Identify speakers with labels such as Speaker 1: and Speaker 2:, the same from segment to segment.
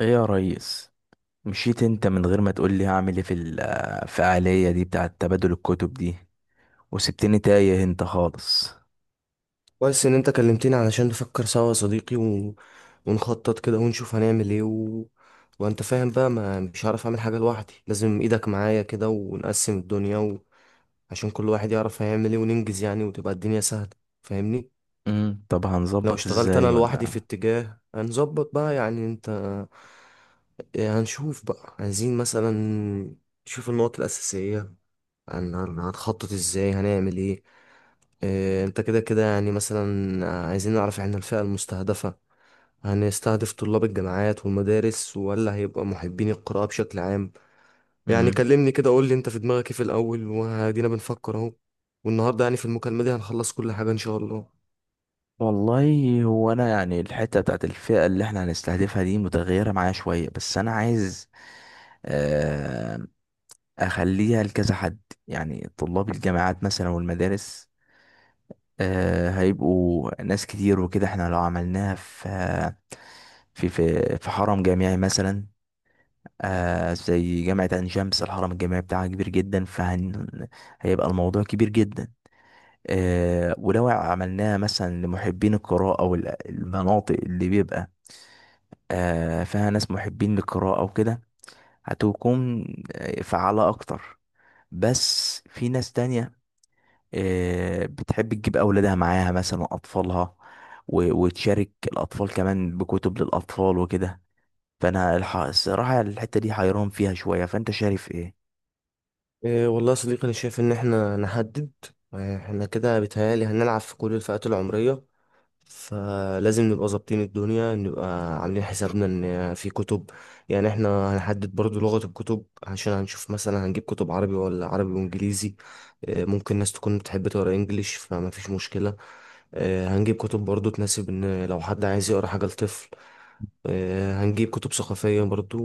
Speaker 1: ايه يا ريس؟ مشيت انت من غير ما تقول لي هعمل ايه في الفعالية دي بتاعة تبادل الكتب دي، وسبتني تايه انت خالص.
Speaker 2: كويس ان انت كلمتني علشان نفكر سوا يا صديقي، ونخطط كده، ونشوف هنعمل ايه. وانت فاهم بقى، ما مش هعرف اعمل حاجة لوحدي، لازم ايدك معايا كده، ونقسم الدنيا عشان كل واحد يعرف هيعمل ايه وننجز يعني، وتبقى الدنيا سهلة. فاهمني؟
Speaker 1: طب
Speaker 2: لو
Speaker 1: هنظبط
Speaker 2: اشتغلت انا
Speaker 1: ازاي
Speaker 2: لوحدي في
Speaker 1: ولا؟
Speaker 2: اتجاه هنظبط بقى، يعني انت، إيه، هنشوف بقى عايزين مثلا نشوف النقط الأساسية. هنخطط ازاي هنعمل ايه. إيه، انت كده كده يعني مثلا، عايزين نعرف احنا الفئة المستهدفة. هنستهدف طلاب الجامعات والمدارس ولا هيبقى محبين القراءة بشكل عام؟ يعني
Speaker 1: امم
Speaker 2: كلمني كده، قول لي انت في دماغك ايه في الاول، وهدينا بنفكر اهو. والنهارده يعني في المكالمة دي هنخلص كل حاجة ان شاء الله.
Speaker 1: والله، هو انا يعني الحتة بتاعة الفئة اللي احنا هنستهدفها دي متغيرة معايا شوية، بس انا عايز آه، اخليها لكذا حد. يعني طلاب الجامعات مثلا والمدارس. هيبقوا ناس كتير وكده، احنا لو عملناها في حرم جامعي مثلا. زي جامعة عين شمس، الحرم الجامعي بتاعها كبير جدا، هيبقى الموضوع كبير جدا. ولو عملناها مثلا لمحبين القراءة، والمناطق اللي بيبقى فيها ناس محبين للقراءة وكده، هتكون فعالة أكتر. بس في ناس تانية بتحب تجيب أولادها معاها مثلا وأطفالها، وتشارك الأطفال كمان بكتب للأطفال وكده. فأنا الصراحة الحتة دي حيران فيها شوية، فأنت شايف إيه؟
Speaker 2: إيه والله يا صديقي، أنا شايف إن إحنا نحدد، إيه، إحنا كده بيتهيألي هنلعب في كل الفئات العمرية. فلازم نبقى ظابطين الدنيا، نبقى عاملين حسابنا ان في كتب. يعني احنا هنحدد برضو لغة الكتب، عشان هنشوف مثلا هنجيب كتب عربي ولا عربي وانجليزي. ممكن ناس تكون بتحب تقرا انجليش، فما فيش مشكلة. هنجيب كتب برضو تناسب ان لو حد عايز يقرا حاجة لطفل. هنجيب كتب ثقافية برضو،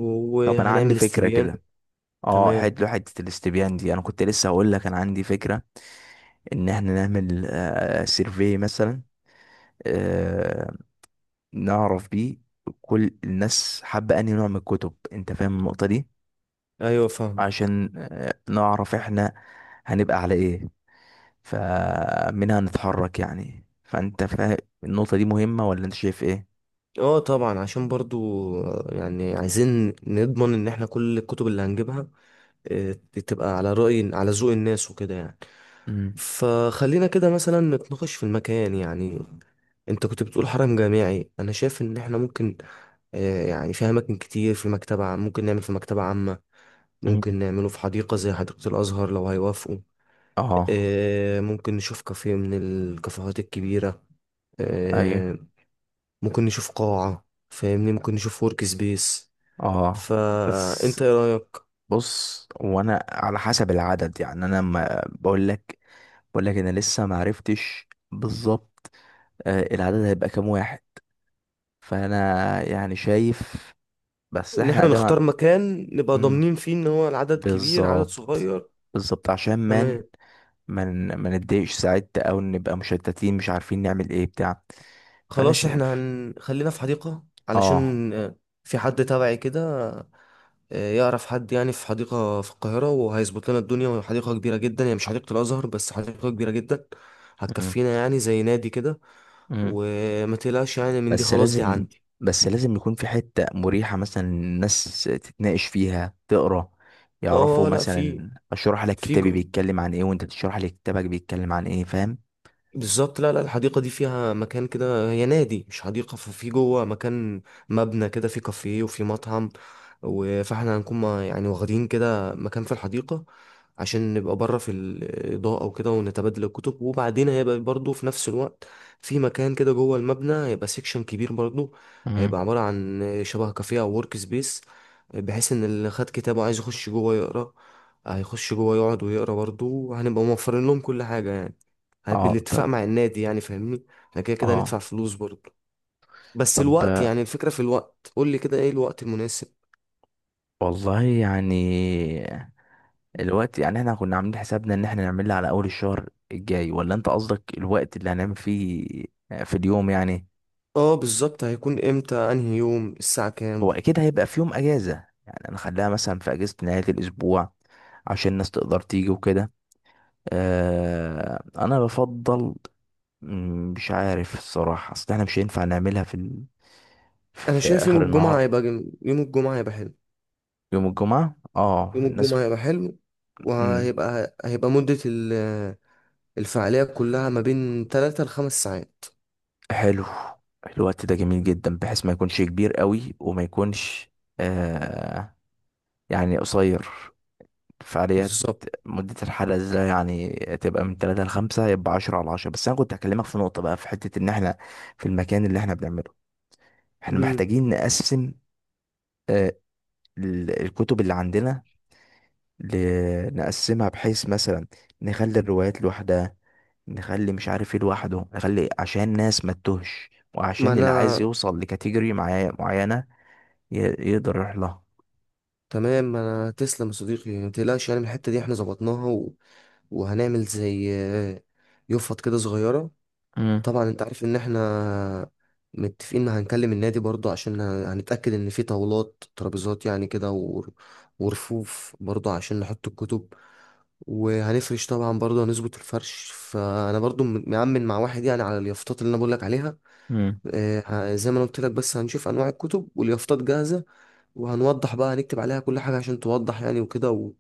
Speaker 1: طب أنا عندي
Speaker 2: وهنعمل
Speaker 1: فكرة
Speaker 2: استبيان.
Speaker 1: كده. اه
Speaker 2: تمام.
Speaker 1: حلو، حتة الاستبيان دي أنا كنت لسه هقول لك، أنا عندي فكرة، إن إحنا نعمل سيرفي مثلا، آه، نعرف بيه كل الناس حابة أنهي نوع من الكتب. أنت فاهم النقطة دي؟
Speaker 2: ايوه، فاهم.
Speaker 1: عشان نعرف إحنا هنبقى على إيه، فمنها نتحرك يعني. فانت فاهم، النقطة دي مهمة ولا انت شايف ايه؟
Speaker 2: اه طبعا، عشان برضو يعني عايزين نضمن ان احنا كل الكتب اللي هنجيبها آه، تبقى على رأي، على ذوق الناس وكده يعني.
Speaker 1: امم.
Speaker 2: فخلينا كده مثلا نتناقش في المكان. يعني انت كنت بتقول حرم جامعي، انا شايف ان احنا ممكن، يعني في اماكن كتير، ممكن نعمل في مكتبة عامة،
Speaker 1: أمم.
Speaker 2: ممكن نعمله في حديقة زي حديقة الازهر لو هيوافقوا.
Speaker 1: اه.
Speaker 2: ممكن نشوف كافيه من الكافيهات الكبيرة.
Speaker 1: ايوه.
Speaker 2: آه، ممكن نشوف قاعة، فاهمني، ممكن نشوف ورك سبيس.
Speaker 1: اه. بس
Speaker 2: فانت ايه رايك؟
Speaker 1: بص، وانا على حسب العدد يعني، انا ما بقول لك انا لسه ما عرفتش بالظبط العدد هيبقى كام واحد. فانا يعني شايف، بس
Speaker 2: ان
Speaker 1: احنا
Speaker 2: احنا
Speaker 1: قدام
Speaker 2: نختار مكان نبقى
Speaker 1: أمم.
Speaker 2: ضامنين فيه ان هو العدد كبير، عدد
Speaker 1: بالظبط،
Speaker 2: صغير.
Speaker 1: بالظبط، عشان مان
Speaker 2: تمام.
Speaker 1: ما ن- ما نتضايقش ساعات، او نبقى مشتتين مش عارفين نعمل ايه بتاع. فانا
Speaker 2: خلاص احنا
Speaker 1: شايف.
Speaker 2: هنخلينا في حديقة،
Speaker 1: اه.
Speaker 2: علشان في حد تبعي كده يعرف حد يعني في حديقة في القاهرة، وهيظبط لنا الدنيا، وهي حديقة كبيرة جدا، يعني مش حديقة الأزهر بس، حديقة كبيرة جدا
Speaker 1: مم.
Speaker 2: هتكفينا، يعني زي نادي كده.
Speaker 1: مم.
Speaker 2: وما تقلقش يعني من دي،
Speaker 1: بس
Speaker 2: خلاص دي
Speaker 1: لازم
Speaker 2: عندي.
Speaker 1: بس لازم يكون في حتة مريحة مثلا، الناس تتناقش فيها، تقرا، يعرفوا
Speaker 2: اه لا، في
Speaker 1: مثلا، اشرح لك
Speaker 2: في
Speaker 1: كتابي بيتكلم عن ايه، وانت تشرح لي كتابك بيتكلم عن ايه، فاهم؟
Speaker 2: بالظبط. لا لا، الحديقة دي فيها مكان كده، هي نادي مش حديقة، ففي جوه مكان، مبنى كده فيه كافيه وفيه مطعم، فاحنا هنكون، يعني واخدين كده مكان في الحديقة، عشان نبقى بره في الإضاءة وكده، ونتبادل الكتب. وبعدين هيبقى برضو في نفس الوقت في مكان كده جوه المبنى، هيبقى سيكشن كبير برضو،
Speaker 1: مم.
Speaker 2: هيبقى عبارة عن شبه كافيه أو ورك سبيس، بحيث إن اللي خد كتابه عايز يخش جوه يقرأ، هيخش جوه يقعد ويقرأ برضو، وهنبقى موفرين لهم كل حاجة يعني،
Speaker 1: اه.
Speaker 2: بالاتفاق
Speaker 1: طب.
Speaker 2: مع النادي يعني، فاهمني. احنا كده كده هندفع
Speaker 1: اه،
Speaker 2: فلوس برضه. بس الوقت،
Speaker 1: طب
Speaker 2: يعني الفكرة في الوقت، قول لي كده ايه الوقت المناسب.
Speaker 1: والله يعني، الوقت يعني احنا كنا عاملين حسابنا ان احنا نعملها على اول الشهر الجاي، ولا انت قصدك الوقت اللي هنعمل فيه في اليوم يعني؟
Speaker 2: اه بالظبط، هيكون امتى؟ انهي يوم؟ الساعة كام؟
Speaker 1: هو اكيد هيبقى في يوم اجازة، يعني هنخليها مثلا في اجازة نهاية الاسبوع عشان الناس تقدر تيجي وكده. انا بفضل مش عارف الصراحة، اصل احنا مش هينفع نعملها
Speaker 2: انا
Speaker 1: في
Speaker 2: شايف
Speaker 1: اخر
Speaker 2: يوم الجمعة
Speaker 1: النهار.
Speaker 2: هيبقى يوم الجمعة هيبقى حلو.
Speaker 1: يوم الجمعة، اه،
Speaker 2: يوم
Speaker 1: الناس.
Speaker 2: الجمعة هيبقى حلو
Speaker 1: مم،
Speaker 2: وهيبقى مدة الفعالية كلها ما بين 3 لخمس ساعات،
Speaker 1: حلو، الوقت ده جميل جدا بحيث ما يكونش كبير قوي، وما يكونش آه يعني قصير. فعاليات،
Speaker 2: بالظبط.
Speaker 1: مدة الحلقة ده يعني تبقى من 3 لـ5، يبقى 10 على 10. بس أنا كنت هكلمك في نقطة بقى، في حتة إن إحنا في المكان اللي إحنا بنعمله، إحنا
Speaker 2: مم.
Speaker 1: محتاجين نقسم آه، الكتب اللي عندنا، نقسمها بحيث مثلا نخلي الروايات لوحدها، نخلي مش عارف ايه لوحده، نخلي عشان الناس ما تتوهش،
Speaker 2: ما
Speaker 1: وعشان اللي
Speaker 2: انا
Speaker 1: عايز يوصل لكاتيجوري معينة يقدر يروح لها.
Speaker 2: تمام. ما انا تسلم يا صديقي، ما تقلقش يعني من الحتة دي احنا ظبطناها، وهنعمل زي يفط كده صغيرة.
Speaker 1: امم.
Speaker 2: طبعا انت عارف ان احنا متفقين ان هنكلم النادي برضو، عشان هنتأكد ان في طاولات، ترابيزات يعني كده، ورفوف برضو عشان نحط الكتب. وهنفرش طبعا برضو، هنظبط الفرش. فانا برضو مأمن مع واحد يعني على اليافطات اللي انا بقول لك عليها.
Speaker 1: امم.
Speaker 2: زي ما انا قلت لك، بس هنشوف انواع الكتب، واليافطات جاهزة، وهنوضح بقى، هنكتب عليها كل حاجة عشان توضح يعني وكده.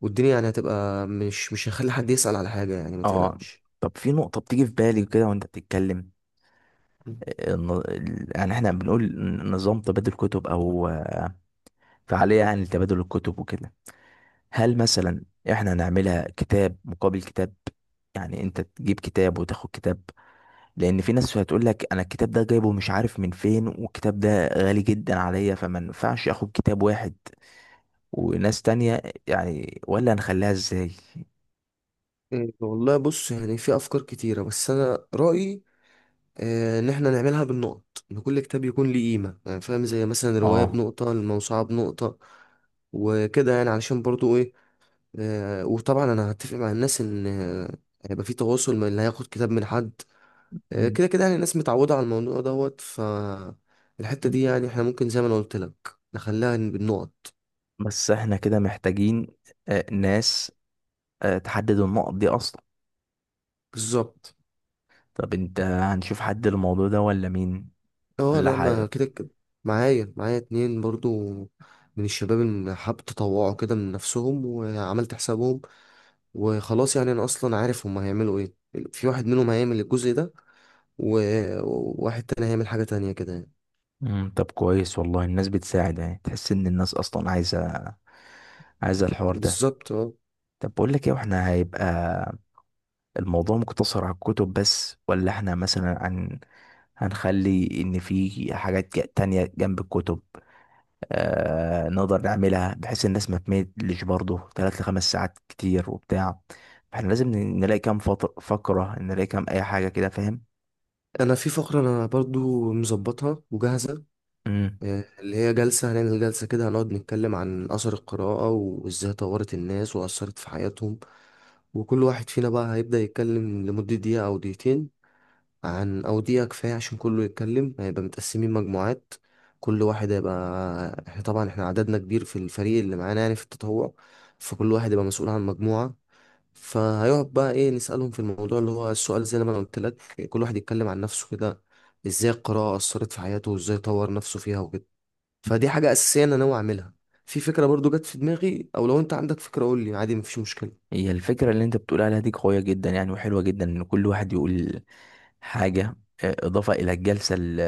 Speaker 2: والدنيا يعني هتبقى، مش هنخلي حد يسأل على حاجة يعني، ما
Speaker 1: اه.
Speaker 2: تقلقش.
Speaker 1: طب، في نقطة بتيجي في بالي كده وانت بتتكلم. يعني احنا بنقول نظام تبادل كتب، او فعالية يعني لتبادل الكتب وكده. هل مثلا احنا نعملها كتاب مقابل كتاب؟ يعني انت تجيب كتاب وتاخد كتاب. لان في ناس هتقول لك، انا الكتاب ده جايبه مش عارف من فين والكتاب ده غالي جدا عليا، فما ينفعش اخد كتاب واحد. وناس تانية يعني، ولا نخليها ازاي؟
Speaker 2: إيه والله، بص يعني في افكار كتيره، بس انا رايي ان احنا نعملها بالنقط. ان كل كتاب يكون ليه قيمه، يعني فاهم، زي مثلا الروايه
Speaker 1: اه.
Speaker 2: بنقطه، الموسوعه بنقطه، وكده يعني، علشان برضو ايه. وطبعا انا هتفق مع الناس ان هيبقى في تواصل من اللي هياخد كتاب من حد.
Speaker 1: مم.
Speaker 2: كده كده يعني الناس متعوده على الموضوع دوت ف. الحته دي يعني احنا ممكن زي ما انا قلت لك نخليها بالنقط.
Speaker 1: بس احنا كده محتاجين ناس تحدد النقط دي اصلا.
Speaker 2: بالظبط.
Speaker 1: طب انت هنشوف حد الموضوع ده ولا مين؟
Speaker 2: اه
Speaker 1: ولا
Speaker 2: لا، ما
Speaker 1: حاجة؟
Speaker 2: كده كده، معايا اتنين برضو من الشباب اللي حابب تطوعوا كده من نفسهم، وعملت حسابهم، وخلاص يعني انا اصلا عارف هما هيعملوا ايه. في واحد منهم هيعمل الجزء ده، وواحد تاني هيعمل حاجة تانية كده يعني.
Speaker 1: مم. طب كويس والله، الناس بتساعد، يعني تحس ان الناس اصلا عايزة الحوار ده.
Speaker 2: بالظبط. اه
Speaker 1: طب بقول لك ايه، واحنا هيبقى الموضوع مقتصر على الكتب بس، ولا احنا مثلا هنخلي ان في حاجات تانية جنب الكتب؟ نقدر نعملها بحيث الناس ما تملش برضه، 3 لـ5 ساعات كتير وبتاع، احنا لازم نلاقي كام فقرة، نلاقي كام اي حاجة كده، فاهم؟
Speaker 2: انا في فقرة انا برضو مظبطها وجاهزة،
Speaker 1: مم.
Speaker 2: اللي هي جلسة، هنعمل جلسة كده، هنقعد نتكلم عن أثر القراءة وإزاي طورت الناس وأثرت في حياتهم. وكل واحد فينا بقى هيبدأ يتكلم لمدة دقيقة أو دقيقتين، عن، أو دقيقة كفاية عشان كله يتكلم، هيبقى متقسمين مجموعات. كل واحد هيبقى احنا طبعا احنا عددنا كبير في الفريق اللي معانا يعني في التطوع، فكل واحد يبقى مسؤول عن مجموعة. فهيقعد بقى، ايه، نسألهم في الموضوع، اللي هو السؤال زي ما انا قلت لك، كل واحد يتكلم عن نفسه كده، ازاي القراءة أثرت في حياته وازاي طور نفسه فيها وكده. فدي حاجة أساسية أنا ناوي أعملها. في فكرة برضو جت في دماغي، أو لو أنت عندك فكرة قول لي عادي، مفيش مشكلة.
Speaker 1: هي الفكرة اللي انت بتقول عليها دي قوية جدا يعني، وحلوة جدا، ان كل واحد يقول حاجة اضافة الى الجلسة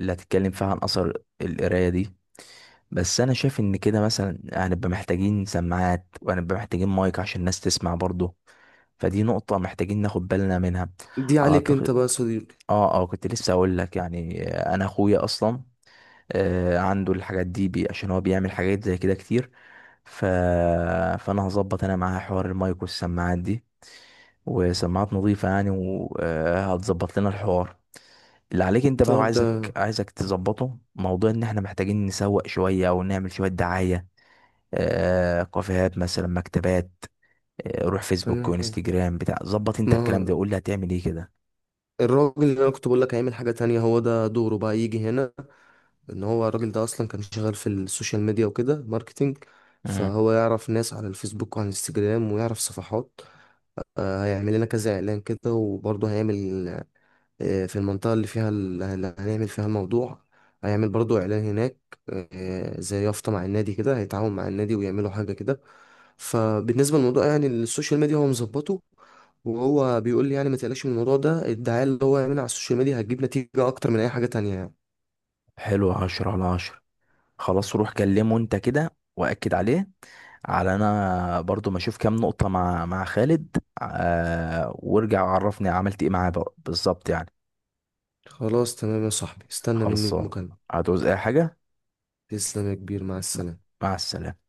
Speaker 1: اللي هتتكلم فيها عن اثر القراية دي. بس انا شايف ان كده مثلا هنبقى محتاجين سماعات، وهنبقى محتاجين مايك عشان الناس تسمع برضه، فدي نقطة محتاجين ناخد بالنا منها.
Speaker 2: دي عليك أنت
Speaker 1: اعتقد.
Speaker 2: بقى يا صديقي.
Speaker 1: اه، اه، كنت لسه اقول لك يعني، انا اخويا اصلا عنده الحاجات دي بي، عشان هو بيعمل حاجات زي كده كتير. ف... فانا هظبط انا معاه حوار المايك والسماعات دي، وسماعات نظيفة يعني، وهتظبط لنا الحوار. اللي عليك انت بقى،
Speaker 2: طب
Speaker 1: وعايزك،
Speaker 2: ده
Speaker 1: عايزك تظبطه، موضوع ان احنا محتاجين نسوق شوية او نعمل شوية دعاية، كافيهات مثلا، مكتبات. روح فيسبوك
Speaker 2: تمام.
Speaker 1: وانستجرام بتاع، ظبط انت الكلام
Speaker 2: ما
Speaker 1: ده وقول لي هتعمل ايه كده.
Speaker 2: الراجل اللي انا كنت بقول لك هيعمل حاجة تانية، هو ده دوره بقى يجي هنا. ان هو الراجل ده اصلا كان شغال في السوشيال ميديا وكده، ماركتينج،
Speaker 1: مم.
Speaker 2: فهو يعرف ناس على الفيسبوك وعلى الانستجرام، ويعرف صفحات. هيعمل لنا كذا اعلان كده، وبرضه هيعمل في المنطقة اللي فيها اللي هنعمل فيها الموضوع، هيعمل برضو إعلان هناك. زي يافطة مع النادي كده، هيتعاون مع النادي ويعملوا حاجة كده. فبالنسبة للموضوع يعني السوشيال ميديا هو مظبطه، وهو بيقول لي يعني ما تقلقش من الموضوع ده، الدعاية اللي هو يعملها على السوشيال ميديا هتجيب نتيجة أكتر من أي حاجة تانية يعني.
Speaker 1: حلو، 10 على 10. خلاص روح كلمه انت كده واكد عليه. على، انا برضو ما اشوف كام نقطة مع خالد، وارجع عرفني عملت ايه معاه بقى بالظبط يعني.
Speaker 2: خلاص تمام يا صاحبي، استنى مني
Speaker 1: خلصان.
Speaker 2: المكالمة.
Speaker 1: هتعوز اي حاجة؟
Speaker 2: تسلم يا كبير، مع السلامة.
Speaker 1: مع السلامة.